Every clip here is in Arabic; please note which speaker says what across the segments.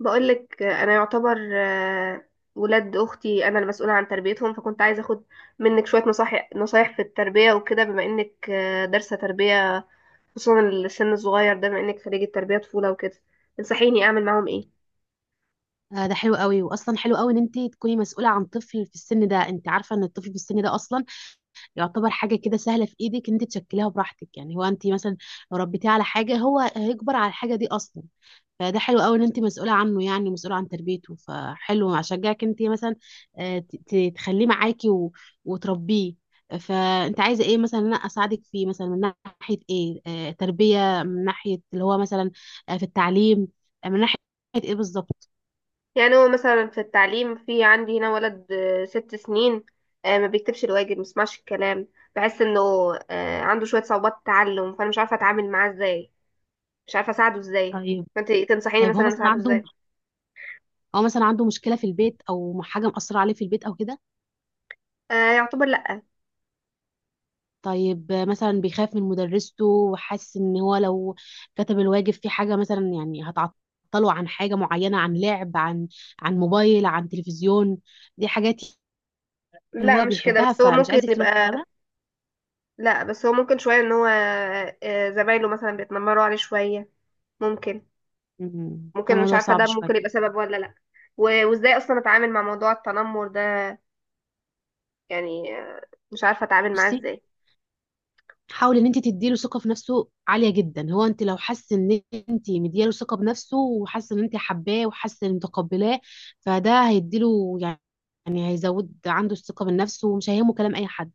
Speaker 1: بقولك انا يعتبر ولاد اختي انا المسؤوله عن تربيتهم، فكنت عايزه اخد منك شويه نصايح، في التربيه وكده بما انك دارسه تربيه، خصوصا السن الصغير ده بما انك خريجه تربيه طفوله وكده. تنصحيني اعمل معاهم ايه؟
Speaker 2: ده حلو قوي واصلا حلو قوي ان انت تكوني مسؤوله عن طفل في السن ده. انت عارفه ان الطفل في السن ده اصلا يعتبر حاجه كده سهله في ايدك ان انت تشكليها براحتك. يعني هو انت مثلا لو ربيتيه على حاجه هو هيكبر على الحاجه دي اصلا. فده حلو قوي ان انت مسؤوله عنه، يعني مسؤوله عن تربيته، فحلو اشجعك انت مثلا تخليه معاكي وتربيه. فانت عايزه ايه مثلا إن انا اساعدك فيه؟ مثلا من ناحيه ايه؟ تربيه؟ من ناحيه اللي هو مثلا في التعليم؟ من ناحيه ايه بالظبط؟
Speaker 1: يعني هو مثلا في التعليم في عندي هنا ولد ست سنين، ما بيكتبش الواجب، ما بيسمعش الكلام. بحس انه عنده شويه صعوبات تعلم، فانا مش عارفه اتعامل معاه ازاي، مش عارفه اساعده ازاي.
Speaker 2: طيب.
Speaker 1: فانت تنصحيني
Speaker 2: طيب هو
Speaker 1: مثلا
Speaker 2: مثلا
Speaker 1: اساعده
Speaker 2: عنده
Speaker 1: ازاي؟
Speaker 2: هو مثلا عنده مشكلة في البيت أو حاجة مأثرة عليه في البيت أو كده؟
Speaker 1: يعتبر لا.
Speaker 2: طيب مثلا بيخاف من مدرسته وحاسس إن هو لو كتب الواجب في حاجة مثلا يعني هتعطله عن حاجة معينة، عن لعب، عن موبايل، عن تلفزيون؟ دي حاجات اللي
Speaker 1: لا
Speaker 2: هو
Speaker 1: مش كده،
Speaker 2: بيحبها
Speaker 1: بس هو
Speaker 2: فمش
Speaker 1: ممكن
Speaker 2: عايز يكتب لهم
Speaker 1: يبقى.
Speaker 2: بسببها.
Speaker 1: لا بس هو ممكن شوية ان هو زمايله مثلا بيتنمروا عليه شوية، ممكن.
Speaker 2: ده
Speaker 1: ممكن مش
Speaker 2: موضوع
Speaker 1: عارفة،
Speaker 2: صعب
Speaker 1: ده
Speaker 2: شوية.
Speaker 1: ممكن يبقى سبب ولا لا؟ وازاي اصلا اتعامل مع موضوع التنمر ده؟ يعني مش عارفة اتعامل معاه
Speaker 2: بصي،
Speaker 1: ازاي.
Speaker 2: حاولي ان انت تديله ثقه في نفسه عاليه جدا. هو انت لو حاسه ان انت مدياله ثقه بنفسه وحاسه ان انت حباه وحاسه ان متقبلاه، فده هيديله يعني، يعني هيزود عنده الثقه بالنفس ومش هيهمه كلام اي حد.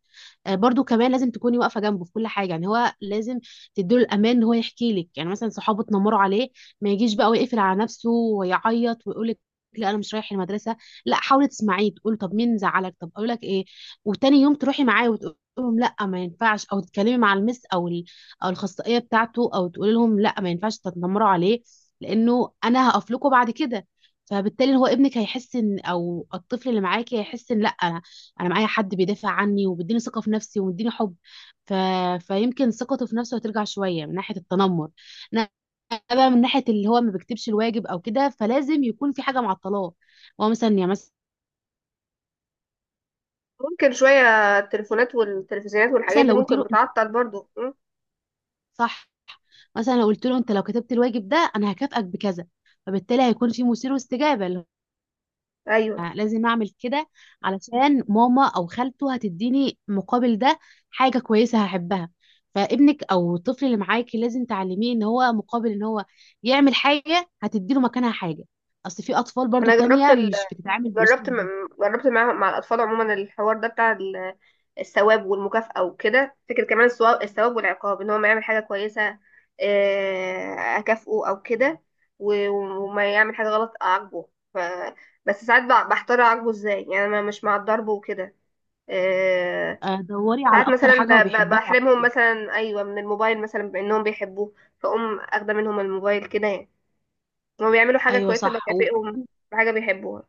Speaker 2: برضو كمان لازم تكوني واقفه جنبه في كل حاجه. يعني هو لازم تديله الامان ان هو يحكي لك، يعني مثلا صحابه اتنمروا عليه، ما يجيش بقى ويقفل على نفسه ويعيط ويقول لك لا انا مش رايح المدرسه. لا، حاولي تسمعيه، تقول طب مين زعلك، طب اقول لك ايه، وتاني يوم تروحي معاه وتقول لهم لا ما ينفعش، او تتكلمي مع المس او او الاخصائيه بتاعته، او تقولي لهم لا ما ينفعش تتنمروا عليه لانه انا هقف لكم بعد كده. فبالتالي هو ابنك هيحس ان، او الطفل اللي معاكي هيحس ان لا انا معايا حد بيدافع عني وبيديني ثقه في نفسي ومديني حب. ف... فيمكن ثقته في نفسه هترجع شويه من ناحيه التنمر. انا بقى من ناحيه اللي هو ما بيكتبش الواجب او كده، فلازم يكون في حاجه معطلاه. هو مثلا يعني
Speaker 1: ممكن شوية التليفونات والتلفزيونات
Speaker 2: مثلا
Speaker 1: والحاجات دي
Speaker 2: لو قلت
Speaker 1: ممكن
Speaker 2: له انت،
Speaker 1: بتعطل برضو؟ م?
Speaker 2: صح، مثلا لو قلت له انت لو كتبت الواجب ده انا هكافئك بكذا، فبالتالي هيكون في مثير واستجابه، اللي
Speaker 1: ايوه،
Speaker 2: لازم اعمل كده علشان ماما او خالته هتديني مقابل ده حاجة كويسة هحبها. فابنك او الطفل اللي معاكي لازم تعلميه ان هو مقابل ان هو يعمل حاجة هتديله مكانها حاجة. اصل في اطفال برضو
Speaker 1: انا جربت،
Speaker 2: تانية مش بتتعامل بالاسلوب ده.
Speaker 1: جربت مع الأطفال عموما الحوار ده بتاع الثواب والمكافأة وكده. فكرة كمان الثواب، والعقاب، إن هو ما يعمل حاجة كويسة أكافئه أو كده، وما يعمل حاجة غلط أعاقبه. ف... بس ساعات بحتار أعاقبه إزاي، يعني أنا مش مع الضرب وكده. آه،
Speaker 2: دوري على
Speaker 1: ساعات
Speaker 2: اكتر
Speaker 1: مثلا
Speaker 2: حاجة هو بيحبها
Speaker 1: بحرمهم مثلا، أيوة، من الموبايل، مثلا بأنهم بيحبوه فأقوم أخده منهم الموبايل كده، يعني هما بيعملوا حاجة
Speaker 2: ايوه
Speaker 1: كويسة
Speaker 2: صح
Speaker 1: بكافئهم
Speaker 2: واصلا.
Speaker 1: بحاجة بيحبوها.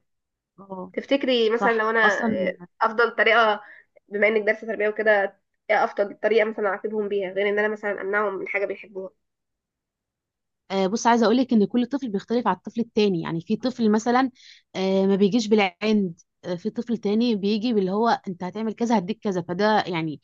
Speaker 2: اه
Speaker 1: تفتكري مثلا لو
Speaker 2: صح
Speaker 1: انا
Speaker 2: اصلا.
Speaker 1: افضل طريقه، بما انك دارسه تربيه وكده، ايه افضل طريقه مثلا اعاقبهم بيها، غير ان انا مثلا امنعهم من حاجه بيحبوها؟
Speaker 2: بص، عايزه اقول لك ان كل طفل بيختلف على الطفل التاني. يعني في طفل مثلا ما بيجيش بالعند، في طفل تاني بيجي باللي هو انت هتعمل كذا هديك كذا. فده يعني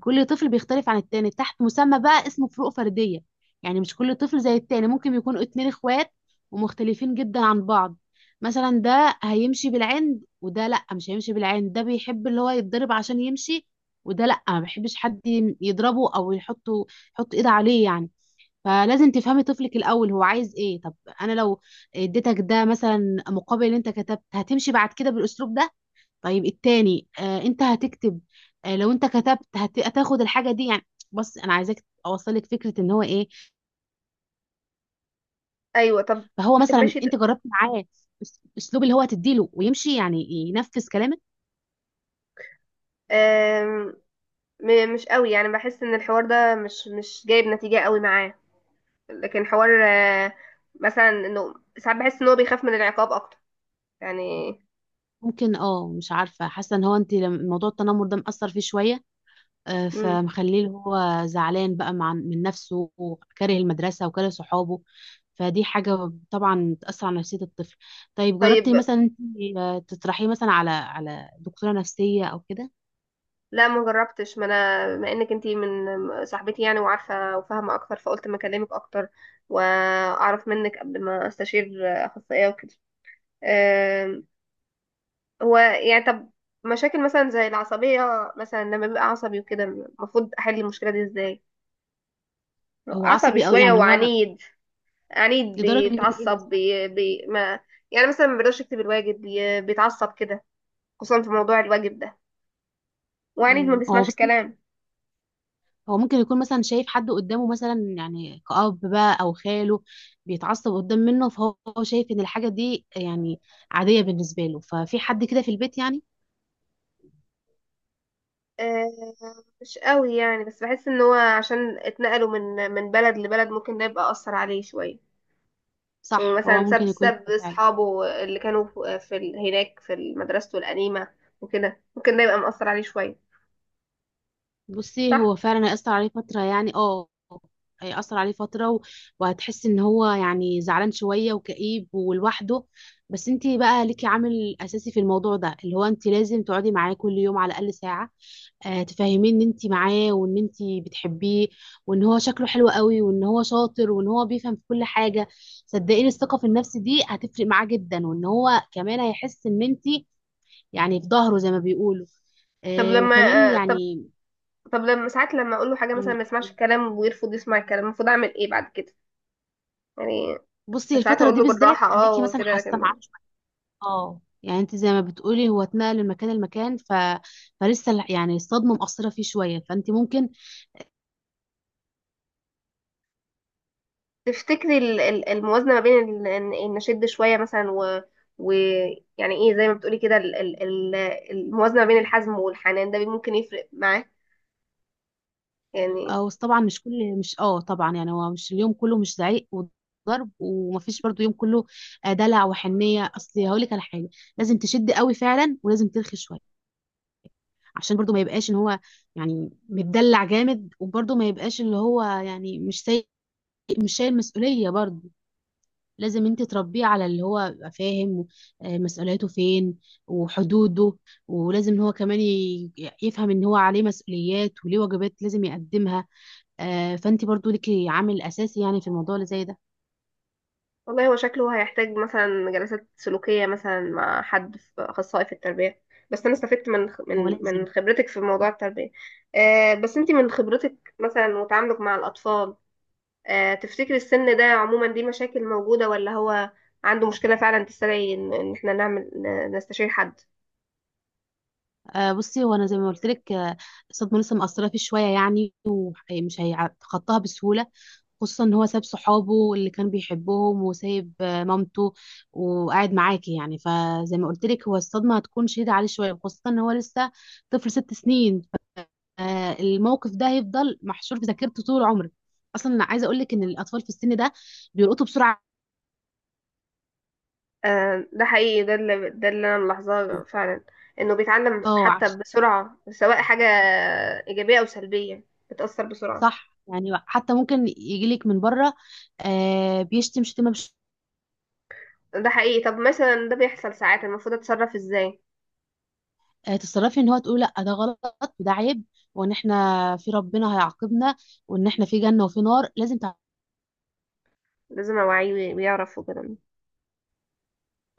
Speaker 2: كل طفل بيختلف عن التاني تحت مسمى بقى اسمه فروق فرديه. يعني مش كل طفل زي التاني، ممكن يكونوا اتنين اخوات ومختلفين جدا عن بعض. مثلا ده هيمشي بالعند وده لا مش هيمشي بالعند، ده بيحب اللي هو يتضرب عشان يمشي، وده لا ما بيحبش حد يضربه او يحطه، يحط ايد عليه يعني. فلازم تفهمي طفلك الاول هو عايز ايه. طب انا لو اديتك ده مثلا مقابل اللي انت كتبت هتمشي بعد كده بالاسلوب ده، طيب التاني آه انت هتكتب، آه لو انت كتبت هتاخد الحاجه دي يعني. بص انا عايزاك اوصلك فكره ان هو ايه.
Speaker 1: ايوه، طب.
Speaker 2: فهو
Speaker 1: طب
Speaker 2: مثلا
Speaker 1: ماشي ده.
Speaker 2: انت جربت معاه اسلوب اللي هو تديله ويمشي يعني ينفذ كلامك؟
Speaker 1: آم، مش قوي يعني، بحس ان الحوار ده مش جايب نتيجه قوي معاه، لكن حوار مثلا انه ساعات بحس ان هو بيخاف من العقاب اكتر يعني.
Speaker 2: ممكن، اه، مش عارفه، حاسه ان هو انت موضوع التنمر ده مأثر فيه شويه،
Speaker 1: مم.
Speaker 2: فمخليه اللي هو زعلان بقى مع من نفسه وكاره المدرسة وكاره صحابه. فدي حاجة طبعا بتأثر على نفسية الطفل. طيب
Speaker 1: طيب.
Speaker 2: جربتي مثلا انتي، تطرحيه مثلا على دكتورة نفسية أو كده؟
Speaker 1: لا ما جربتش، ما انا بما انك انتي من صاحبتي يعني، وعارفه وفاهمه اكتر، فقلت ما اكلمك اكتر واعرف منك قبل ما استشير اخصائيه وكده. أم، هو يعني طب، مشاكل مثلا زي العصبيه، مثلا لما بيبقى عصبي وكده المفروض احل المشكله دي ازاي؟
Speaker 2: هو
Speaker 1: عصبي
Speaker 2: عصبي أوي
Speaker 1: شويه
Speaker 2: يعني هو؟
Speaker 1: وعنيد، عنيد
Speaker 2: لدرجة إيه
Speaker 1: بيتعصب
Speaker 2: مثلا؟
Speaker 1: بي بي ما، يعني مثلا ما بيقدرش يكتب الواجب بيتعصب كده، خصوصا في موضوع الواجب ده، وعنيد ما
Speaker 2: هو
Speaker 1: بيسمعش
Speaker 2: بصي،
Speaker 1: الكلام.
Speaker 2: هو ممكن يكون مثلا شايف حد قدامه مثلا يعني كأب بقى أو خاله بيتعصب قدام منه، فهو شايف إن الحاجة دي يعني عادية بالنسبة له. ففي حد كده في البيت يعني؟
Speaker 1: آه، مش قوي يعني، بس بحس ان هو عشان اتنقلوا من بلد لبلد، ممكن ده يبقى اثر عليه شويه.
Speaker 2: صح،
Speaker 1: ومثلا
Speaker 2: هو ممكن يكون
Speaker 1: ساب
Speaker 2: كده فعلا.
Speaker 1: اصحابه اللي كانوا في هناك في مدرسته القديمه وكده، ممكن ده يبقى مأثر عليه شويه.
Speaker 2: بصي
Speaker 1: صح.
Speaker 2: هو فعلا هيأثر عليه فترة يعني اه، هيأثر عليه فترة وهتحس ان هو يعني زعلان شوية وكئيب ولوحده. بس انتي بقى ليكي عامل اساسي في الموضوع ده، اللي هو انتي لازم تقعدي معاه كل يوم على الاقل ساعة. آه تفهميه ان انتي معاه وان انتي بتحبيه وان هو شكله حلو قوي وان هو شاطر وان هو بيفهم في كل حاجة. صدقيني الثقة في النفس دي هتفرق معاه جدا، وان هو كمان هيحس ان انتي يعني في ظهره زي ما بيقولوا.
Speaker 1: طب
Speaker 2: آه
Speaker 1: لما
Speaker 2: وكمان
Speaker 1: طب،
Speaker 2: يعني.
Speaker 1: طب لما ساعات، لما اقول له حاجه مثلا
Speaker 2: مم،
Speaker 1: ما يسمعش الكلام ويرفض يسمع الكلام، المفروض اعمل ايه بعد كده يعني؟
Speaker 2: بصي
Speaker 1: ساعات
Speaker 2: الفترة
Speaker 1: اقول
Speaker 2: دي
Speaker 1: له
Speaker 2: بالذات
Speaker 1: بالراحه، اه
Speaker 2: خليكي مثلا
Speaker 1: وكده،
Speaker 2: حاسة معاه
Speaker 1: لكن
Speaker 2: شوية. اه يعني انت زي ما بتقولي هو اتنقل من مكان لمكان، فلسه يعني الصدمة مأثرة فيه شوية، فانت ممكن.
Speaker 1: تفتكري الموازنة ما بين ال- ان إن نشد شوية مثلا، و ويعني ايه زي ما بتقولي كده، الموازنة ما بين الحزم والحنان ده، ممكن يفرق معاه يعني؟
Speaker 2: او طبعا مش كل، مش اه طبعا يعني هو مش اليوم كله مش زعيق وضرب، ومفيش برضو يوم كله دلع وحنية. اصل هقولك على حاجة، لازم تشد قوي فعلا ولازم ترخي شوية عشان برضو ما يبقاش ان هو يعني متدلع جامد، وبرضو ما يبقاش اللي هو يعني مش شايل مسؤولية برضو. لازم انت تربيه على اللي هو يبقى فاهم مسؤولياته فين وحدوده، ولازم ان هو كمان يفهم ان هو عليه مسؤوليات وليه واجبات لازم يقدمها. فانت برضو ليكي عامل اساسي يعني في الموضوع اللي زي ده.
Speaker 1: والله هو شكله هيحتاج مثلا جلسات سلوكية مثلا مع حد، في أخصائي في التربية، بس أنا استفدت من
Speaker 2: هو
Speaker 1: من
Speaker 2: لازم.
Speaker 1: خبرتك في موضوع التربية. بس أنت من خبرتك مثلا وتعاملك مع الأطفال، تفتكري السن ده عموما دي مشاكل موجودة، ولا هو عنده مشكلة فعلا تستدعي إن احنا نعمل نستشير حد؟
Speaker 2: بصي هو انا زي ما قلت لك الصدمه لسه مأثره فيه شويه يعني ومش هيتخطاها بسهوله، خصوصا ان هو ساب صحابه اللي كان بيحبهم وسايب مامته وقاعد معاكي يعني. فزي ما قلت لك هو الصدمه هتكون شديده عليه شويه خصوصا ان هو لسه طفل 6 سنين. فالموقف ده هيفضل محشور في ذاكرته طول عمره. اصلا انا عايزه اقول لك ان الاطفال في السن ده بيلقطوا بسرعه.
Speaker 1: ده حقيقي، ده اللي انا ملاحظاه فعلا، انه بيتعلم
Speaker 2: اه
Speaker 1: حتى بسرعة سواء حاجة ايجابية او سلبية، بتأثر بسرعة.
Speaker 2: صح يعني حتى ممكن يجي لك من بره بيشتم شتيمه.
Speaker 1: ده حقيقي. طب مثلا ده بيحصل ساعات، المفروض اتصرف ازاي؟
Speaker 2: تتصرفي ان هو تقول لا ده غلط وده عيب، وان احنا في ربنا هيعاقبنا وان احنا في جنة وفي نار لازم
Speaker 1: لازم اوعيه ويعرف وكده.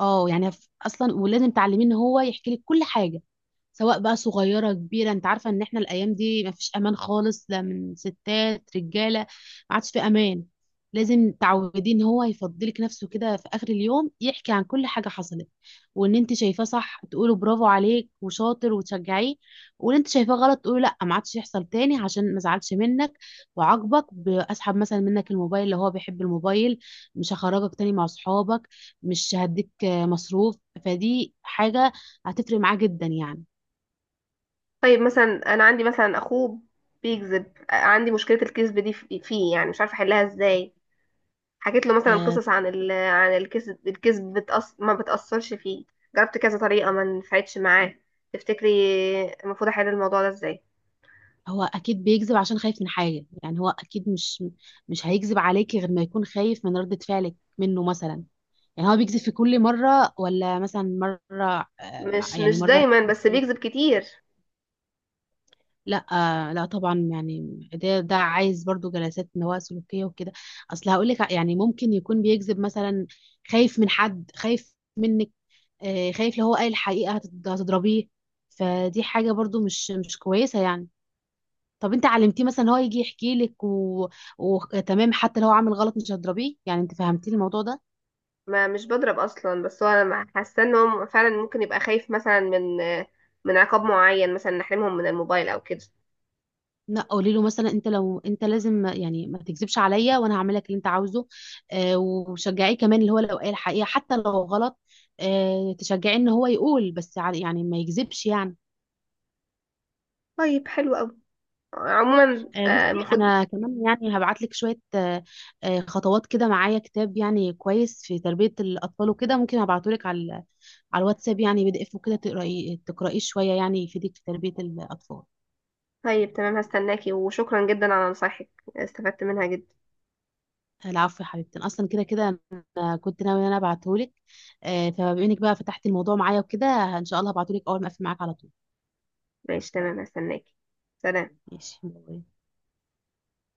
Speaker 2: اه يعني اصلا ولازم تعلميه ان هو يحكي لك كل حاجة، سواء بقى صغيرة كبيرة. انت عارفة ان احنا الايام دي مفيش امان خالص، لا من ستات رجالة، ما عادش في امان. لازم تعودين ان هو يفضلك نفسه كده في اخر اليوم يحكي عن كل حاجة حصلت. وان انت شايفاه صح تقوله برافو عليك وشاطر وتشجعيه، وان انت شايفاه غلط تقوله لا ما عادش يحصل تاني عشان ما زعلش منك وعاقبك باسحب مثلا منك الموبايل اللي هو بيحب الموبايل، مش هخرجك تاني مع صحابك، مش هديك مصروف. فدي حاجة هتفرق معاه جدا يعني.
Speaker 1: طيب مثلا انا عندي مثلا اخوه بيكذب، عندي مشكلة الكذب دي فيه، يعني مش عارفة احلها ازاي. حكيت له مثلا
Speaker 2: آه،
Speaker 1: قصص عن الكذب، ما بتأثرش فيه. جربت كذا طريقة، ما نفعتش معاه. تفتكري المفروض احل الموضوع ده ازاي؟
Speaker 2: هو اكيد بيكذب عشان خايف من حاجه. يعني هو اكيد مش هيكذب عليكي غير ما يكون خايف من ردة فعلك منه مثلا. يعني هو بيكذب في كل مره، ولا مثلا مره
Speaker 1: مش
Speaker 2: يعني مره،
Speaker 1: دايما، بس بيكذب كتير.
Speaker 2: لا؟ لا طبعا يعني ده عايز برضو جلسات نواة سلوكيه وكده. اصل هقول لك يعني ممكن يكون بيكذب مثلا، خايف من حد، خايف منك، خايف لو هو قال الحقيقه هتضربيه. فدي حاجه برضو مش كويسه يعني. طب انت علمتيه مثلا هو يجي يحكي لك وتمام حتى لو هو عامل غلط مش هتضربيه؟ يعني انت فهمتيه الموضوع ده؟
Speaker 1: ما مش بضرب اصلا، بس هو انا حاسه ان هو فعلا ممكن يبقى خايف مثلا من عقاب معين، مثلا نحرمهم من الموبايل او كده.
Speaker 2: لا، قولي له مثلا انت لو انت لازم يعني ما تكذبش عليا وانا هعمل لك اللي انت عاوزه. آه وشجعيه كمان اللي هو لو قال الحقيقه حتى لو غلط، آه تشجعيه ان هو يقول بس يعني ما يكذبش يعني.
Speaker 1: طيب حلو قوي، عموما
Speaker 2: بصي
Speaker 1: المفروض.
Speaker 2: انا كمان يعني هبعت لك شويه خطوات كده. معايا كتاب يعني كويس في تربيه الاطفال وكده، ممكن ابعته لك على الواتساب، يعني PDF، وكده تقراي تقرايه شويه، يعني يفيدك في تربيه الاطفال.
Speaker 1: طيب تمام، هستناكي، وشكرا جدا على نصايحك، استفدت منها جدا.
Speaker 2: العفو يا حبيبتي. أنا اصلا كده كده انا كنت ناويه ان انا ابعته لك. فبما انك بقى فتحتي الموضوع معايا وكده، ان شاء الله هبعته لك اول ما اقفل معاك على طول.
Speaker 1: ماشي تمام، هستناكي. سلام.
Speaker 2: ماشي باي.